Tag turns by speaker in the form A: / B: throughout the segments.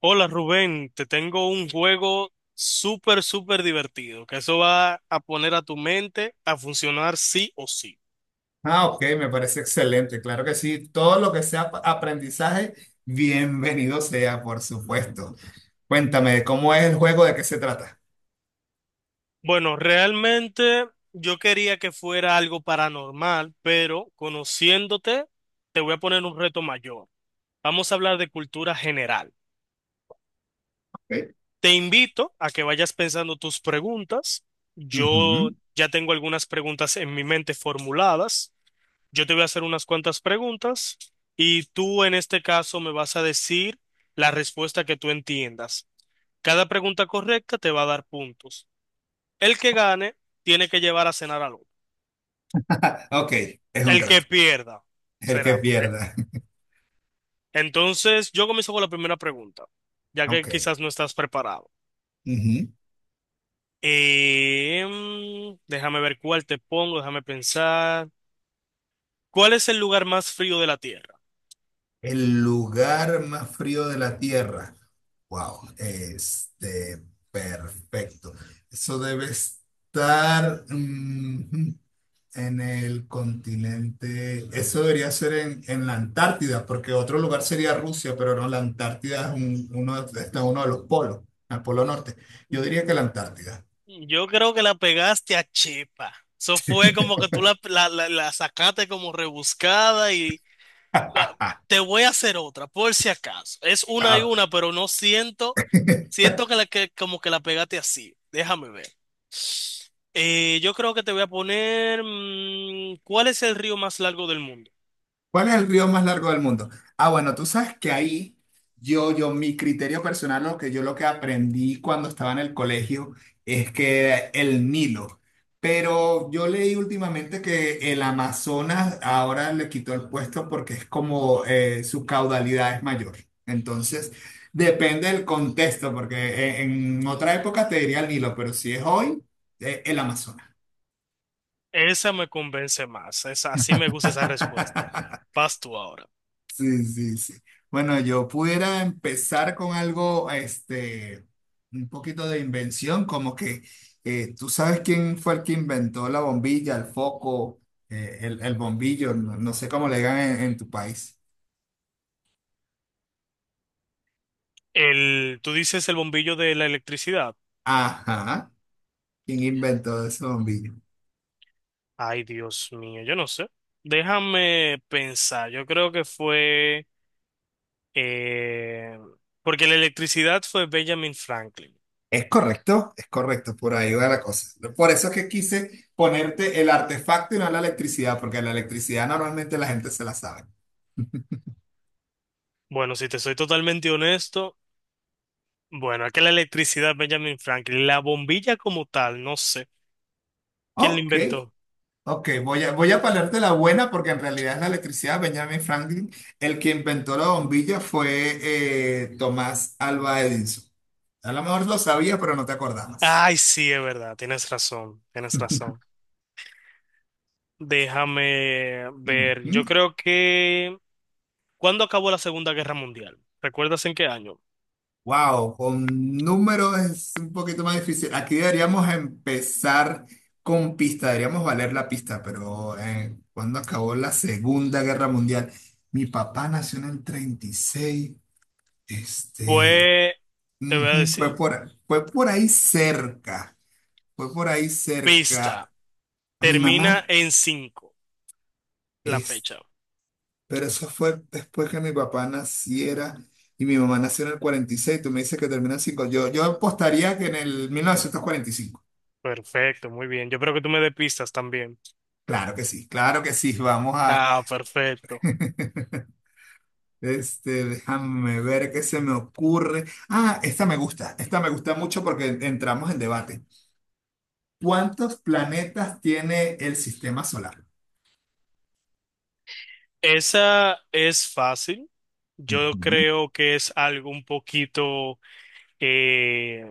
A: Hola Rubén, te tengo un juego súper, súper divertido, que eso va a poner a tu mente a funcionar sí o sí.
B: Ah, ok, me parece excelente, claro que sí. Todo lo que sea aprendizaje, bienvenido sea, por supuesto. Cuéntame, ¿cómo es el juego? ¿De qué se trata?
A: Bueno, realmente yo quería que fuera algo paranormal, pero conociéndote, te voy a poner un reto mayor. Vamos a hablar de cultura general.
B: Ok.
A: Te invito a que vayas pensando tus preguntas. Yo
B: Ujú.
A: ya tengo algunas preguntas en mi mente formuladas. Yo te voy a hacer unas cuantas preguntas y tú en este caso me vas a decir la respuesta que tú entiendas. Cada pregunta correcta te va a dar puntos. El que gane tiene que llevar a cenar al otro.
B: Ok, es un
A: El que
B: trato.
A: pierda
B: El que
A: será, ¿eh?
B: pierda.
A: Entonces, yo comienzo con la primera pregunta, ya que
B: Ok.
A: quizás no estás preparado.
B: Ujú.
A: Déjame ver cuál te pongo, déjame pensar. ¿Cuál es el lugar más frío de la Tierra?
B: El lugar más frío de la Tierra. Wow, perfecto. Eso debe estar. En el continente, eso debería ser en la Antártida, porque otro lugar sería Rusia, pero no, la Antártida es uno, está en uno de los polos, el polo norte. Yo diría que la Antártida.
A: Yo creo que la pegaste a Chepa. Eso fue como que tú la sacaste como rebuscada. va- Te voy a hacer otra, por si acaso. Es una y
B: Ah,
A: una, pero no siento, siento que, que como que la pegaste así. Déjame ver. Yo creo que te voy a poner, ¿cuál es el río más largo del mundo?
B: ¿cuál es el río más largo del mundo? Ah, bueno, tú sabes que ahí mi criterio personal, lo que yo lo que aprendí cuando estaba en el colegio es que el Nilo. Pero yo leí últimamente que el Amazonas ahora le quitó el puesto porque es como su caudalidad es mayor. Entonces, depende del contexto, porque otra época te diría el Nilo, pero si es hoy, el Amazonas.
A: Esa me convence más, esa, así me gusta esa respuesta. Vas tú ahora.
B: Sí, sí, sí. Bueno, yo pudiera empezar con algo, un poquito de invención, como que tú sabes quién fue el que inventó la bombilla, el foco, el bombillo, no, no sé cómo le digan en tu país.
A: Tú dices el bombillo de la electricidad.
B: Ajá, ¿quién inventó ese bombillo?
A: Ay, Dios mío, yo no sé. Déjame pensar, yo creo que fue... Eh, Porque la electricidad fue Benjamin Franklin.
B: Es correcto, por ahí va la cosa. Por eso es que quise ponerte el artefacto y no la electricidad, porque la electricidad normalmente la gente se la sabe.
A: Bueno, si te soy totalmente honesto, bueno, es que la electricidad Benjamin Franklin, la bombilla como tal, no sé. ¿Quién la
B: Ok.
A: inventó?
B: Ok, voy a palarte la buena porque en realidad es la electricidad. Benjamin Franklin, el que inventó la bombilla fue Tomás Alva Edison. A lo mejor lo sabías, pero no te acordabas.
A: Ay, sí, es verdad, tienes razón, tienes razón. Déjame ver, yo creo que... ¿Cuándo acabó la Segunda Guerra Mundial? ¿Recuerdas en qué año?
B: Wow, con números es un poquito más difícil. Aquí deberíamos empezar con pista, deberíamos valer la pista, pero cuando acabó la Segunda Guerra Mundial, mi papá nació en el 36, este...
A: Pues, te voy a
B: Ujú.
A: decir,
B: Fue por ahí cerca, fue por ahí cerca
A: pista,
B: mi
A: termina
B: mamá,
A: en 5. La
B: es,
A: fecha.
B: pero eso fue después que mi papá naciera y mi mamá nació en el 46, tú me dices que termina en 5 yo apostaría que en el 1945,
A: Perfecto, muy bien. Yo creo que tú me des pistas también.
B: claro que sí, vamos a...
A: Ah, perfecto.
B: Este, déjame ver qué se me ocurre. Ah, esta me gusta mucho porque entramos en debate. ¿Cuántos planetas tiene el sistema solar?
A: Esa es fácil. Yo
B: Ujú.
A: creo que es algo un poquito, eh,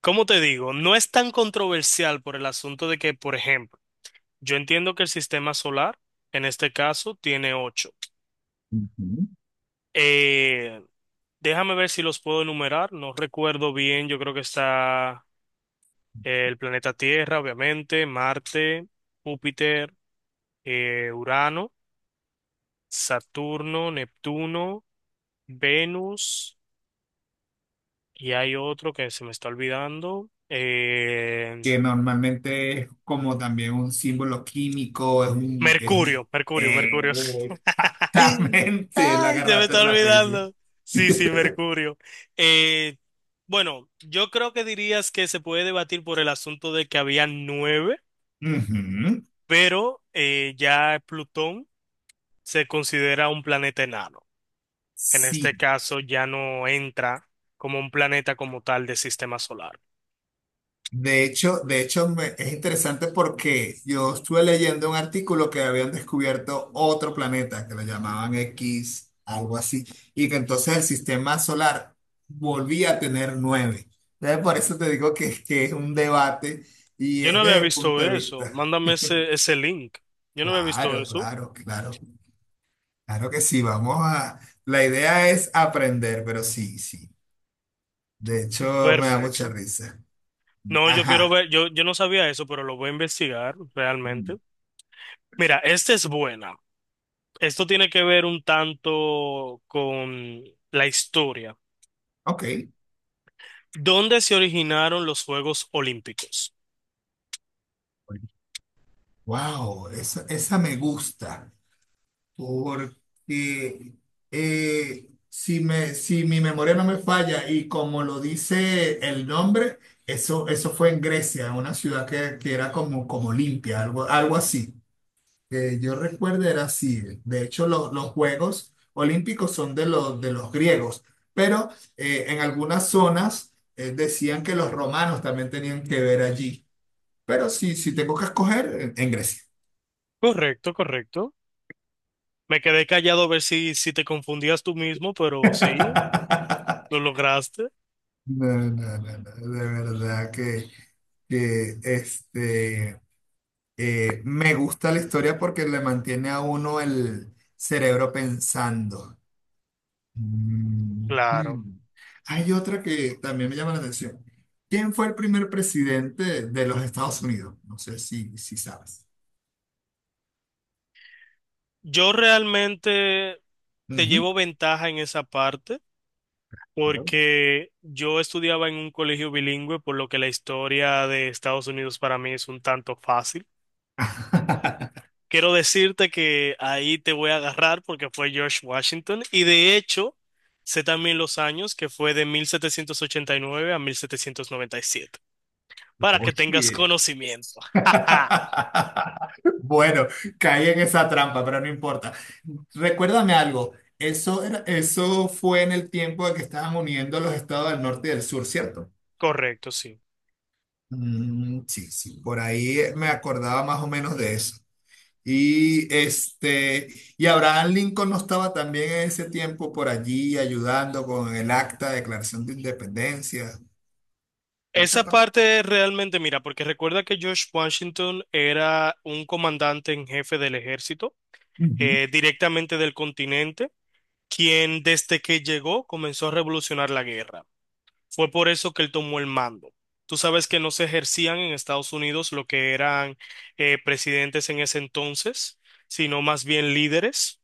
A: ¿cómo te digo? No es tan controversial por el asunto de que, por ejemplo, yo entiendo que el sistema solar, en este caso, tiene ocho.
B: Ujú.
A: Eh, Déjame ver si los puedo enumerar. No recuerdo bien. Yo creo que está el planeta Tierra, obviamente, Marte, Júpiter, Urano, Saturno, Neptuno, Venus. Y hay otro que se me está olvidando.
B: Que normalmente es como también un símbolo químico,
A: Mercurio, Mercurio,
B: eh,
A: Mercurio.
B: exactamente, la
A: Ay, se me
B: agarraste
A: está
B: rapidísimo.
A: olvidando. Sí, sí, Mercurio. Eh, bueno, yo creo que dirías que se puede debatir por el asunto de que había nueve,
B: Ujú.
A: pero ya Plutón se considera un planeta enano. En este
B: Sí,
A: caso ya no entra como un planeta como tal del sistema solar.
B: de hecho, es interesante porque yo estuve leyendo un artículo que habían descubierto otro planeta que lo llamaban X, algo así, y que entonces el sistema solar volvía a tener nueve. Entonces, por eso te digo que es un debate y
A: Yo
B: es
A: no había
B: desde el
A: visto
B: punto de
A: eso.
B: vista.
A: Mándame ese link. Yo no había visto
B: Claro,
A: eso.
B: claro, claro. Claro que sí, vamos a... La idea es aprender, pero sí, sí. De hecho, me da mucha
A: Perfecto.
B: risa.
A: No, yo quiero
B: Ajá.
A: ver, yo, no sabía eso, pero lo voy a investigar
B: Mm.
A: realmente. Mira, esta es buena. Esto tiene que ver un tanto con la historia.
B: Ok.
A: ¿Dónde se originaron los Juegos Olímpicos?
B: Wow, esa me gusta. Porque si mi memoria no me falla y como lo dice el nombre, eso fue en Grecia, en una ciudad que era como, como limpia, algo, algo así. Que yo recuerde era así. De hecho, los Juegos Olímpicos son de los griegos, pero en algunas zonas decían que los romanos también tenían que ver allí. Pero sí, si tengo que escoger, en Grecia.
A: Correcto, correcto. Me quedé callado a ver si te confundías tú mismo, pero sí, lo lograste.
B: No, no, no, no, de verdad que este, me gusta la historia porque le mantiene a uno el cerebro pensando. Ujú.
A: Claro.
B: Hay otra que también me llama la atención. ¿Quién fue el primer presidente de los Estados Unidos? No sé si sabes.
A: Yo realmente te
B: Ujú.
A: llevo ventaja en esa parte,
B: Claro.
A: porque yo estudiaba en un colegio bilingüe, por lo que la historia de Estados Unidos para mí es un tanto fácil. Quiero decirte que ahí te voy a agarrar porque fue George Washington y de hecho sé también los años que fue de 1789 a 1797 para que tengas
B: Oye.
A: conocimiento. Ajá.
B: Bueno, caí en esa trampa, pero no importa. Recuérdame algo. Eso fue en el tiempo de que estaban uniendo los estados del norte y del sur, ¿cierto?
A: Correcto, sí.
B: Mm, sí, sí, por ahí me acordaba más o menos de eso. Y este, y Abraham Lincoln no estaba también en ese tiempo por allí ayudando con el acta de declaración de independencia. Esa
A: Esa
B: parte.
A: parte realmente, mira, porque recuerda que George Washington era un comandante en jefe del ejército,
B: Ujú,
A: directamente del continente, quien desde que llegó comenzó a revolucionar la guerra. Fue por eso que él tomó el mando. Tú sabes que no se ejercían en Estados Unidos lo que eran presidentes en ese entonces, sino más bien líderes.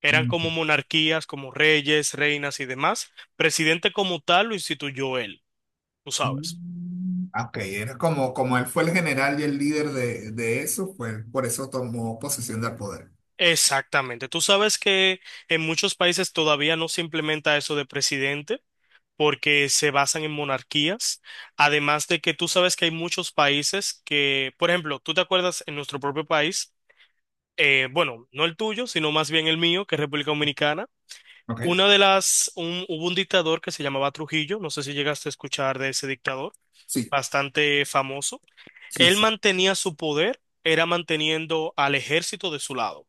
A: Eran
B: ujú.
A: como monarquías, como reyes, reinas y demás. Presidente como tal lo instituyó él, tú sabes.
B: Mm, ok, era como, como él fue el general y el líder de eso, pues por eso tomó posesión del poder.
A: Exactamente. Tú sabes que en muchos países todavía no se implementa eso de presidente, porque se basan en monarquías, además de que tú sabes que hay muchos países que, por ejemplo, tú te acuerdas en nuestro propio país, bueno, no el tuyo, sino más bien el mío, que es República Dominicana.
B: ¿Ok?
A: Una de las, un- Hubo un dictador que se llamaba Trujillo, no sé si llegaste a escuchar de ese dictador,
B: Sí,
A: bastante famoso.
B: sí,
A: Él
B: sí,
A: mantenía su poder, era manteniendo al ejército de su lado,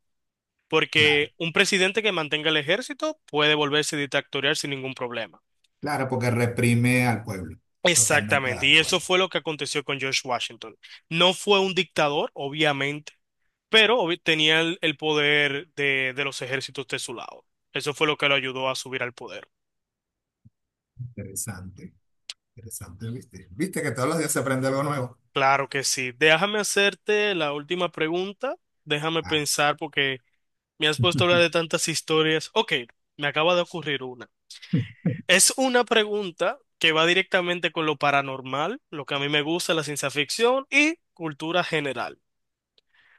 B: claro.
A: porque un presidente que mantenga el ejército puede volverse dictatorial sin ningún problema.
B: Claro, porque reprime al pueblo. Totalmente de
A: Exactamente, y eso
B: acuerdo.
A: fue lo que aconteció con George Washington. No fue un dictador, obviamente, pero tenía el poder de los ejércitos de su lado. Eso fue lo que lo ayudó a subir al poder.
B: Interesante, interesante, ¿viste? ¿Viste que todos los días se aprende algo nuevo?
A: Claro que sí. Déjame hacerte la última pregunta. Déjame
B: Ah.
A: pensar porque me has puesto a hablar de tantas historias. Ok, me acaba de ocurrir una. Es una pregunta que va directamente con lo paranormal, lo que a mí me gusta, la ciencia ficción y cultura general.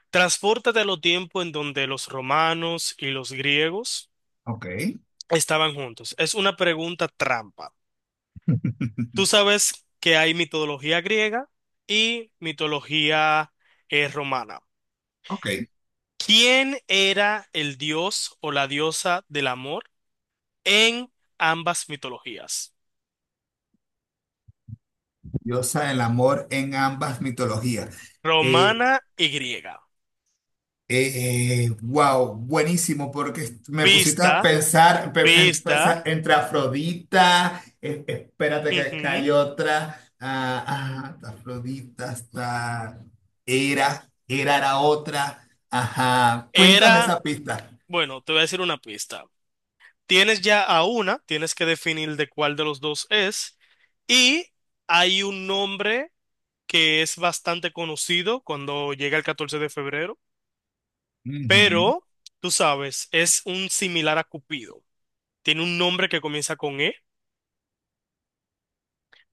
A: Transpórtate a los tiempos en donde los romanos y los griegos
B: Ok.
A: estaban juntos. Es una pregunta trampa. Tú sabes que hay mitología griega y mitología romana.
B: Ok,
A: ¿Quién era el dios o la diosa del amor en ambas mitologías?
B: diosa del amor en ambas mitologías. Eh,
A: Romana y griega.
B: wow, buenísimo, porque me pusiste a
A: Pista,
B: pensar, en
A: pista.
B: pensar entre Afrodita, espérate que
A: Ujú.
B: hay otra, ah, ah, Afrodita, hasta Hera, Hera era otra, ajá, cuéntame
A: Era,
B: esa pista.
A: bueno, te voy a decir una pista. Tienes ya a una, tienes que definir de cuál de los dos es. Y hay un nombre que es bastante conocido cuando llega el 14 de febrero,
B: Ujú,
A: pero tú sabes, es un similar a Cupido. Tiene un nombre que comienza con E,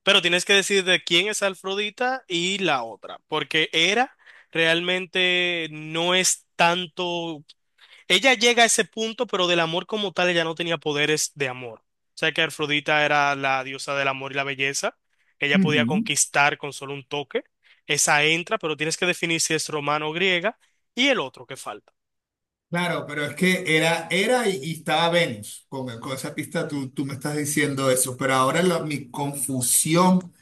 A: pero tienes que decir de quién es Afrodita y la otra, porque Hera realmente no es tanto. Ella llega a ese punto, pero del amor como tal ella no tenía poderes de amor. O sea que Afrodita era la diosa del amor y la belleza. Ella podía
B: ujú.
A: conquistar con solo un toque. Esa entra, pero tienes que definir si es romano o griega. Y el otro que falta.
B: Claro, pero es que era, era y estaba Venus. Con esa pista tú me estás diciendo eso, pero ahora mi confusión,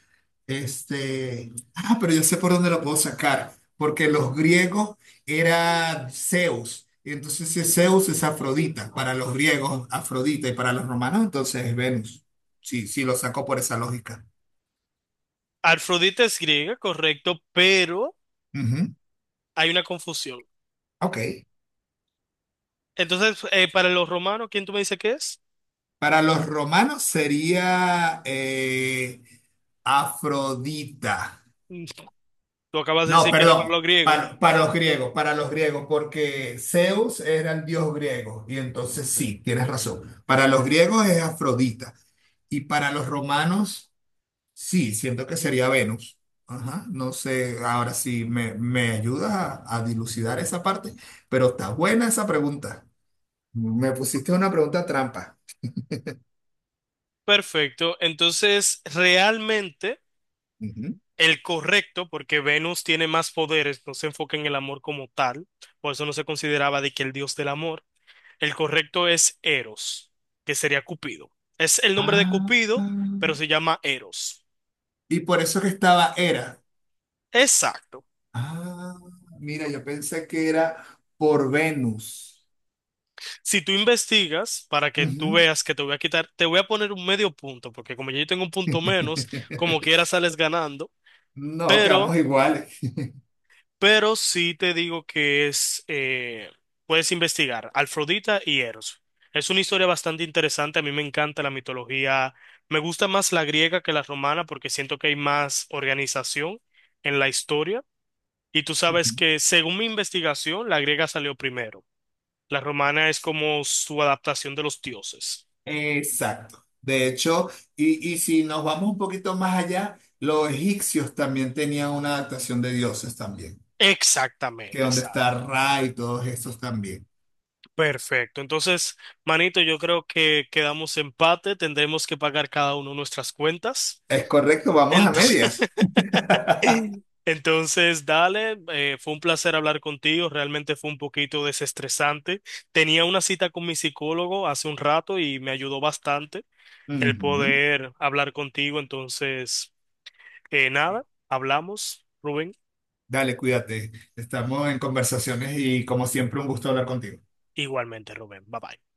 B: este, ah, pero yo sé por dónde lo puedo sacar, porque los griegos era Zeus, y entonces si es Zeus es Afrodita, para los griegos Afrodita y para los romanos entonces es Venus. Sí, sí, lo saco por esa lógica.
A: Afrodita es griega, correcto, pero
B: Ujú.
A: hay una confusión.
B: Ok.
A: Entonces, para los romanos, ¿quién tú me dices que es?
B: Para los romanos sería Afrodita.
A: Mm, Tú acabas de
B: No,
A: decir que era para
B: perdón,
A: los griegos.
B: para los griegos, porque Zeus era el dios griego, y entonces sí, tienes razón. Para los griegos es Afrodita, y para los romanos, sí, siento que sería Venus. Ajá, no sé, ahora sí me ayudas a dilucidar esa parte, pero está buena esa pregunta. Me pusiste una pregunta trampa.
A: Perfecto. Entonces, realmente...
B: Ujú.
A: El correcto, porque Venus tiene más poderes, no se enfoca en el amor como tal, por eso no se consideraba de que el dios del amor. El correcto es Eros, que sería Cupido. Es el nombre de
B: Ah,
A: Cupido, pero
B: ah.
A: se llama Eros.
B: Y por eso que estaba Hera.
A: Exacto.
B: Ah, mira, yo pensé que era por Venus.
A: Si tú investigas, para que tú
B: Ujú.
A: veas que te voy a quitar, te voy a poner un medio punto, porque como yo tengo un punto menos, como quiera sales ganando,
B: No, quedamos
A: pero
B: iguales.
A: Sí te digo que es, puedes investigar Afrodita y Eros. Es una historia bastante interesante, a mí me encanta la mitología, me gusta más la griega que la romana porque siento que hay más organización en la historia. Y tú
B: Ujú.
A: sabes que según mi investigación, la griega salió primero. La romana es como su adaptación de los dioses.
B: Exacto. De hecho, y si nos vamos un poquito más allá, los egipcios también tenían una adaptación de dioses también, que
A: Exactamente,
B: donde
A: exacto.
B: está Ra y todos esos también.
A: Perfecto. Entonces, manito, yo creo que quedamos empate, tendremos que pagar cada uno nuestras cuentas.
B: Es correcto, vamos a
A: Entonces,
B: medias.
A: entonces dale, fue un placer hablar contigo, realmente fue un poquito desestresante. Tenía una cita con mi psicólogo hace un rato y me ayudó bastante el
B: Ujú.
A: poder hablar contigo, entonces, nada, hablamos, Rubén,
B: Dale, cuídate. Estamos en conversaciones y como siempre un gusto hablar contigo.
A: igualmente, Rubén, bye bye.